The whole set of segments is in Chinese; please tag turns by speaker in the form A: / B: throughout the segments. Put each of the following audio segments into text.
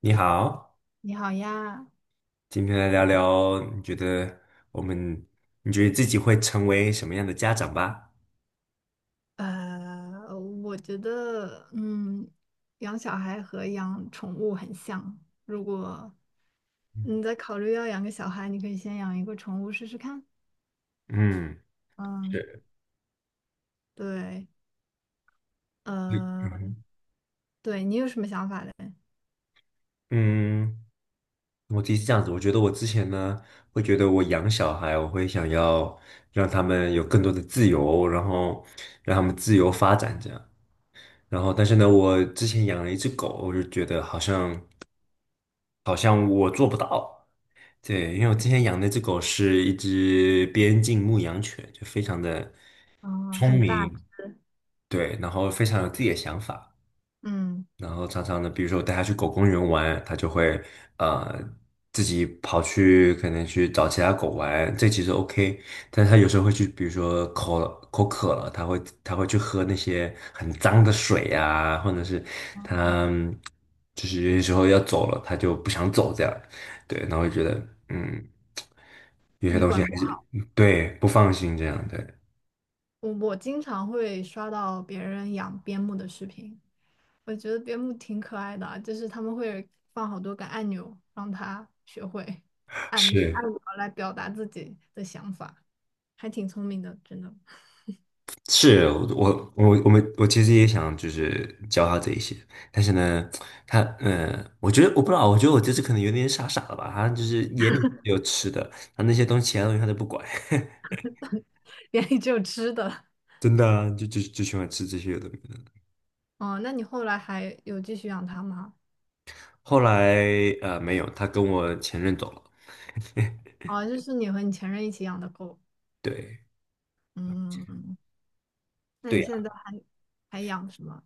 A: 你好，
B: 你好呀，
A: 今天来聊聊，你觉得我们，你觉得自己会成为什么样的家长吧？
B: 呃，我觉得，嗯，养小孩和养宠物很像。如果你在考虑要养个小孩，你可以先养一个宠物试试看。
A: 嗯，
B: 嗯，
A: 是，
B: 对，呃，对你有什么想法嘞？
A: 嗯，我自己是这样子，我觉得我之前呢，会觉得我养小孩，我会想要让他们有更多的自由，然后让他们自由发展这样。然后，但是呢，我之前养了一只狗，我就觉得好像我做不到。对，因为我之前养那只狗是一只边境牧羊犬，就非常的
B: 嗯，
A: 聪
B: 很大
A: 明。
B: 只，
A: 对，然后非常有自己的想法，
B: 嗯，
A: 然后常常呢，比如说我带他去狗公园玩，他就会呃自己跑去可能去找其他狗玩，这其实 OK，但是他有时候会去，比如说口渴了，他会去喝那些很脏的水呀，或者是他就是有些时候要走了，他就不想走这样，对，然后就觉得嗯有些
B: 你
A: 东西
B: 管不
A: 还是
B: 好。
A: 对不放心这样，对，
B: 我经常会刷到别人养边牧的视频，我觉得边牧挺可爱的啊就是他们会放好多个按钮，让它学会按
A: 是。
B: 按钮来表达自己的想法，还挺聪明的，真的。
A: 是我我们其实也想就是教他这一些，但是呢，他我觉得我不知道，我觉得我这次可能有点傻傻了吧，他就是眼里只有吃的，他那些东西其他东西他都不管，
B: 眼里只有吃的。
A: 真的啊就喜欢吃这些有的没的。
B: 哦，那你后来还有继续养它吗？
A: 后来没有，他跟我前任走了，
B: 哦，就是你和你前任一起养的狗。
A: 对。
B: 嗯，那
A: 对
B: 你现
A: 呀，
B: 在还还养什么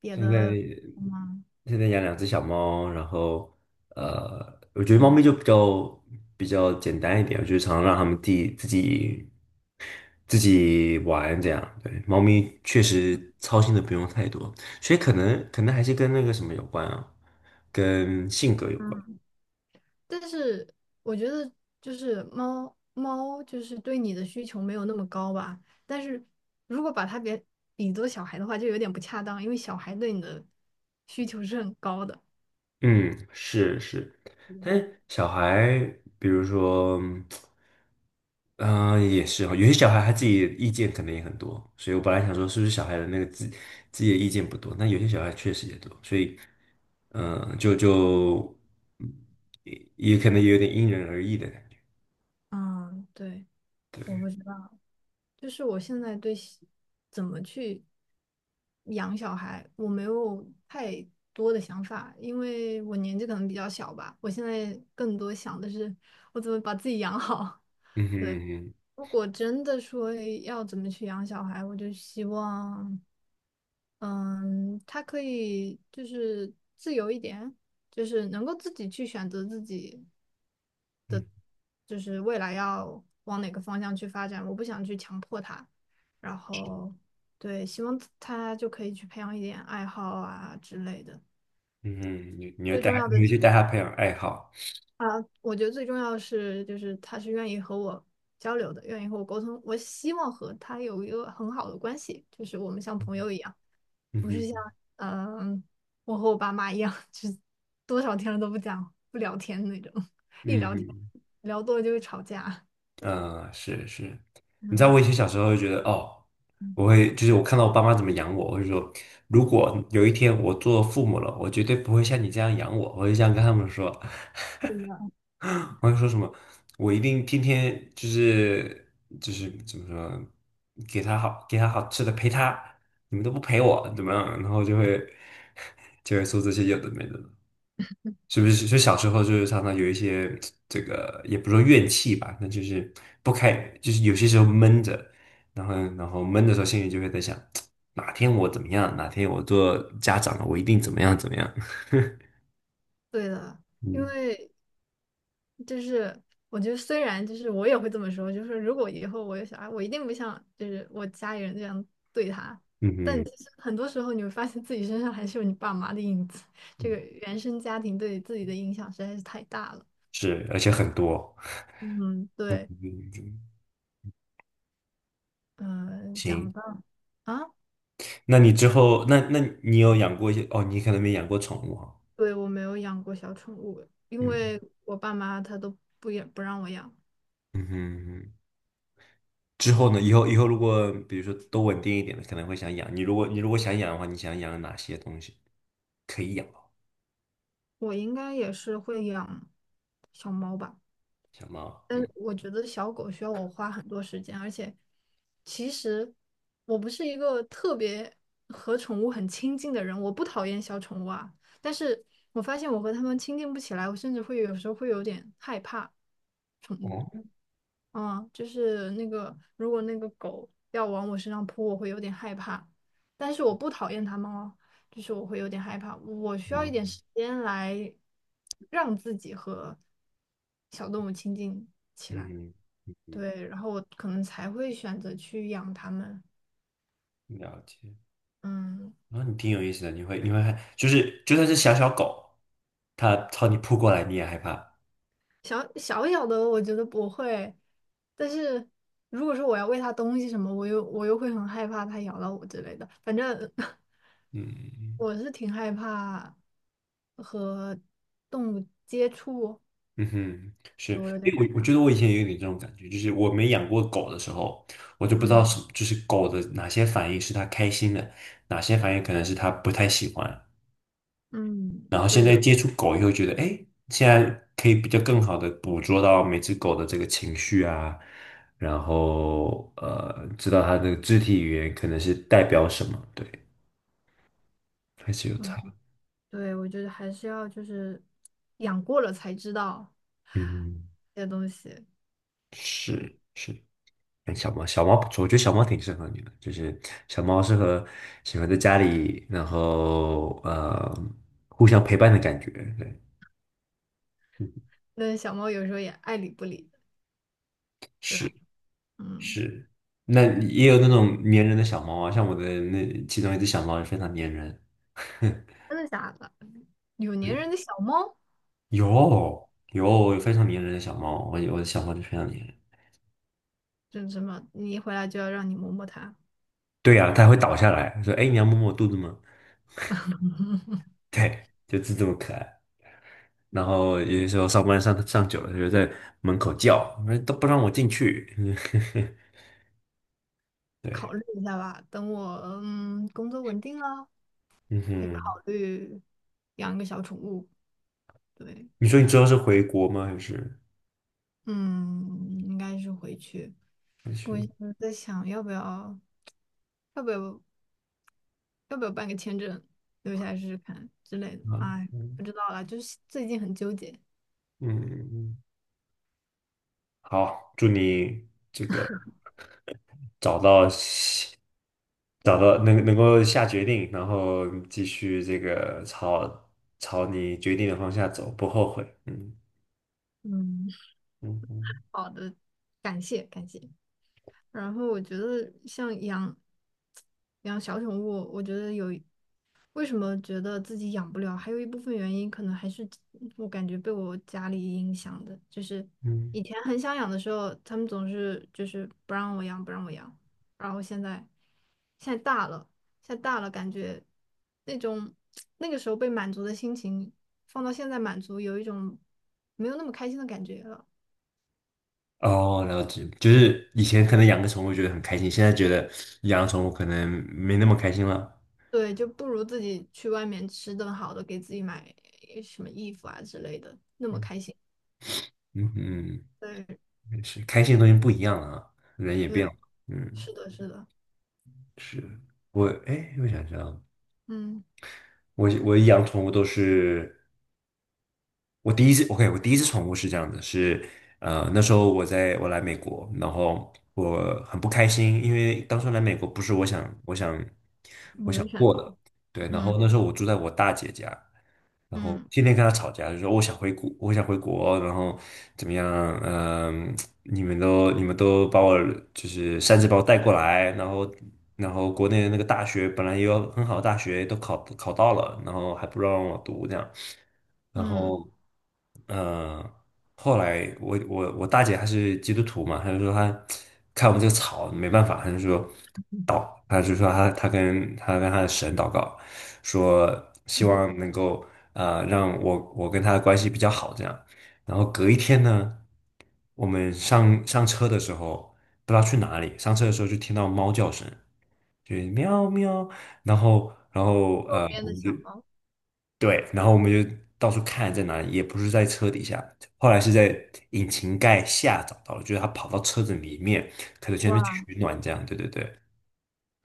B: 别
A: 现在
B: 的狗吗？
A: 现在养两只小猫，然后我觉得猫
B: 嗯
A: 咪就比较简单一点，我就常常让它们自己玩这样。对，猫咪确实操心的不用太多，所以可能还是跟那个什么有关啊，跟性格有关。
B: 嗯。但是我觉得就是猫猫就是对你的需求没有那么高吧，但是如果把它给比作小孩的话，就有点不恰当，因为小孩对你的需求是很高的。
A: 嗯，是是，但是小孩，比如说。嗯、也是哈，有些小孩他自己的意见可能也很多，所以我本来想说是不是小孩的那个自己的意见不多，但有些小孩确实也多，所以，嗯、呃就就嗯也也可能有点因人而异的感觉。
B: 嗯，对，我不知道，就是我现在对小怎么去养小孩，我没有太多的想法，因为我年纪可能比较小吧，我现在更多想的是我怎么把自己养好。
A: 嗯哼，嗯哼。
B: 如果真的说要怎么去养小孩，我就希望，嗯，他可以就是自由一点，就是能够自己去选择自己，
A: 嗯
B: 就是未来要往哪个方向去发展。我不想去强迫他，然后对，希望他就可以去培养一点爱好啊之类的。
A: 嗯哼，你你要
B: 最
A: 带
B: 重
A: 他，
B: 要
A: 你
B: 的，
A: 要去带他培养爱好。
B: 我觉得最重要的是，就是他是愿意和我交流的，愿意和我沟通。我希望和他有一个很好的关系，就是我们像朋友一样。
A: 嗯
B: 不是像
A: 哼。
B: 嗯、我和我爸妈一样，就是多少天了都不讲不聊天那种，一
A: 嗯
B: 聊天
A: 哼。
B: 聊多了就会吵架。对，
A: 嗯，是是。你知道
B: 嗯，
A: 我以前小时候就觉得，哦，我会就是我看到我爸妈怎么养我，我会说，如果有一天我做父母了，我绝对不会像你这样养我，我就这样跟他们说，
B: 对的，
A: 我会说什么，我一定天天就是怎么说，给他好给他好吃的陪他，你们都不陪我怎么样，然后就会 就会说这些有的没的，是不是？就小时候就是常常有一些这个，也不说怨气吧，那就是不开，就是有些时候闷着，然后闷的时候，心里就会在想，哪天我怎么样，哪天我做家长了，我一定怎么样怎么样。
B: 对的，因
A: 嗯
B: 为就是我觉得虽然就是我也会这么说，就是如果以后我有小孩，我一定不像就是我家里人这样对他。
A: 嗯
B: 但
A: 哼。
B: 其实很多时候你会发现自己身上还是有你爸妈的影子，这个
A: 嗯，
B: 原生家庭对自己的影响实在是太大了。
A: 是，而且很多。
B: 嗯，对，
A: 嗯，
B: 嗯、讲
A: 行。
B: 到。啊，
A: 那你之后，那你有养过一些？哦，你可能没养过宠物哈。
B: 对，我没有养过小宠物，因
A: 嗯，
B: 为我爸妈他都不也不让我养。
A: 嗯哼。嗯。之后呢？以后如果比如说都稳定一点的，可能会想养。你如果想养的话，你想养哪些东西？可以养猫。
B: 我应该也是会养小猫吧，
A: 小猫，
B: 但
A: 嗯，
B: 是我觉得小狗需要我花很多时间，而且其实我不是一个特别和宠物很亲近的人，我不讨厌小宠物啊，但是我发现我和它们亲近不起来，我甚至会有时候会有点害怕。
A: 哦，
B: 嗯，就是那个，如果那个狗要往我身上扑，我会有点害怕，但是我不讨厌它们哦，就是我会有点害怕，我需要一点
A: 嗯
B: 时间来让自己和小动物亲近起来，
A: 嗯嗯，
B: 对，然后我可能才会选择去养它们，
A: 了解。
B: 嗯。
A: 然后你挺有意思的，你会害，就是就算是小小狗，它朝你扑过来，你也害怕。
B: 小小小的我觉得不会，但是如果说我要喂它东西什么，我又会很害怕它咬到我之类的。反正
A: 嗯
B: 我是挺害怕和动物接触，
A: 嗯哼，是，
B: 我有
A: 因
B: 点
A: 为
B: 害
A: 我觉
B: 怕
A: 得我以前也有点这种感觉，就是我没养过狗的时候，我就不知道
B: 嗯
A: 什么，就是狗的哪些反应是它开心的，哪些反应可能是它不太喜欢。
B: 嗯，
A: 然后现
B: 对
A: 在
B: 的，
A: 接触狗以后，觉得哎，现在可以比较更好的捕捉到每只狗的这个情绪啊，然后知道它的肢体语言可能是代表什么，对，还是有差。
B: 对，我觉得还是要就是养过了才知道
A: 嗯，
B: 这些东西。
A: 是是。哎小猫，小猫不错，我觉得小猫挺适合你的，就是小猫适合喜欢在家里，然后互相陪伴的感觉，对，
B: 那小猫有时候也爱理不理的，对吧？
A: 是
B: 嗯，
A: 是。那也有那种粘人的小猫啊，像我的那其中一只小猫也非常粘人，
B: 真的假的？有粘人的小猫。
A: 有，有非常粘人的小猫，我的小猫就非常粘人。
B: 真什么？你一回来就要让你摸摸它，
A: 对呀、啊，它会倒下来说："哎，你要摸摸我肚子吗？"对，就是这么可爱。然后有些时候上班上上久了，它就在门口叫，都不让我进去。对。
B: 考虑一下吧。等我嗯工作稳定了，
A: 嗯
B: 可以
A: 哼，
B: 考虑养一个小宠物。对，
A: 你说你之后是回国吗？还是
B: 嗯，应该是回去。
A: 还是
B: 我现在在想要不要要不要要不要办个签证留下来试试看之类的。
A: 啊？
B: 哎，
A: 嗯
B: 不知道啦，就是最近很纠结。
A: 嗯，嗯嗯。好，祝你这个找到喜找到能够下决定，然后继续这个朝你决定的方向走，不后悔。嗯。
B: 嗯，
A: 嗯嗯
B: 好的，感谢感谢。然后我觉得像养小宠物，我觉得有为什么觉得自己养不了，还有一部分原因可能还是我感觉被我家里影响的，就是
A: 嗯。
B: 以前很想养的时候，他们总是就是不让我养，不让我养，然后现在现在大了，现在大了，感觉那种那个时候被满足的心情，放到现在满足，有一种没有那么开心的感觉了。
A: 哦，了解，就是以前可能养个宠物觉得很开心，现在觉得养宠物可能没那么开心了。
B: 对，就不如自己去外面吃顿好的，给自己买什么衣服啊之类的，那么开心。
A: 嗯嗯，
B: 对
A: 也是开心的东西不一样了啊，人也变
B: 对，
A: 了。嗯，
B: 是的，是的，
A: 是。我哎，我想想，
B: 嗯，
A: 我养宠物都是。我第一次，OK,我第一次宠物是这样的，是那时候我来美国，然后我很不开心，因为当初来美国不是我想。
B: 你的选择，
A: 对，然
B: 嗯
A: 后那时候我住在我大姐家，然后
B: 嗯
A: 天天跟她吵架，就说我想回国，我想回国，然后怎么样？嗯、你们都把我就是擅自把我带过来，然后国内的那个大学本来也有很好的大学，都考到了，然后还不让我读这样，然
B: 嗯，
A: 后嗯、呃后来我大姐她是基督徒嘛，她就说她看我们这个吵没办法，她就说。他就说他跟他的神祷告，说希望能够让我跟他的关系比较好这样。然后隔一天呢，我们上车的时候不知道去哪里，上车的时候就听到猫叫声，就是喵喵。然后然后
B: 右
A: 呃
B: 边
A: 我
B: 的
A: 们就
B: 小猫，
A: 对，然后我们就到处看在哪里，也不是在车底下，后来是在引擎盖下找到了，就是他跑到车子里面，可能前面取
B: 哇，
A: 暖这样。对对对。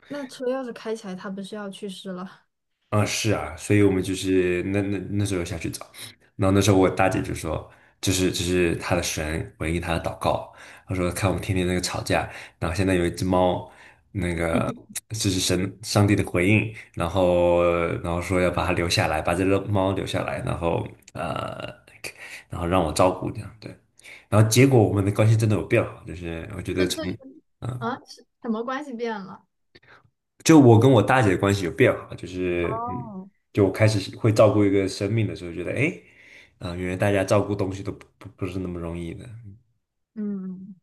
B: 那车要是开起来，它不是要去世了？
A: 啊，是啊，所以我们就是那那时候下去找，然后那时候我大姐就说，这是她的神回应她的祷告，她说看我们天天那个吵架，然后现在有一只猫，那个 这是神上帝的回应，然后说要把它留下来，把这个猫留下来，然后然后让我照顾这样，对，然后结果我们的关系真的有变好，就是我觉
B: 这
A: 得从。
B: 这就
A: 嗯，
B: 啊，是什么关系变了？
A: 就我跟我大姐的关系有变好，就是嗯，
B: 哦，
A: 就我开始会照顾一个生命的时候，觉得哎，啊、原来大家照顾东西都不是那么容易的，
B: 嗯，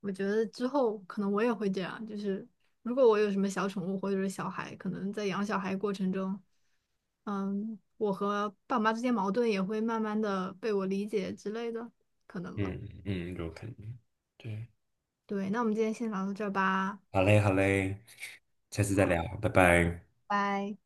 B: 我觉得之后可能我也会这样，就是如果我有什么小宠物或者是小孩，可能在养小孩过程中，嗯，我和爸妈之间矛盾也会慢慢的被我理解之类的，可能吧。
A: 嗯嗯，有可能，对，
B: 对，那我们今天先聊到这儿吧，
A: 好嘞好嘞，下次再
B: 好，
A: 聊，拜拜。
B: 拜。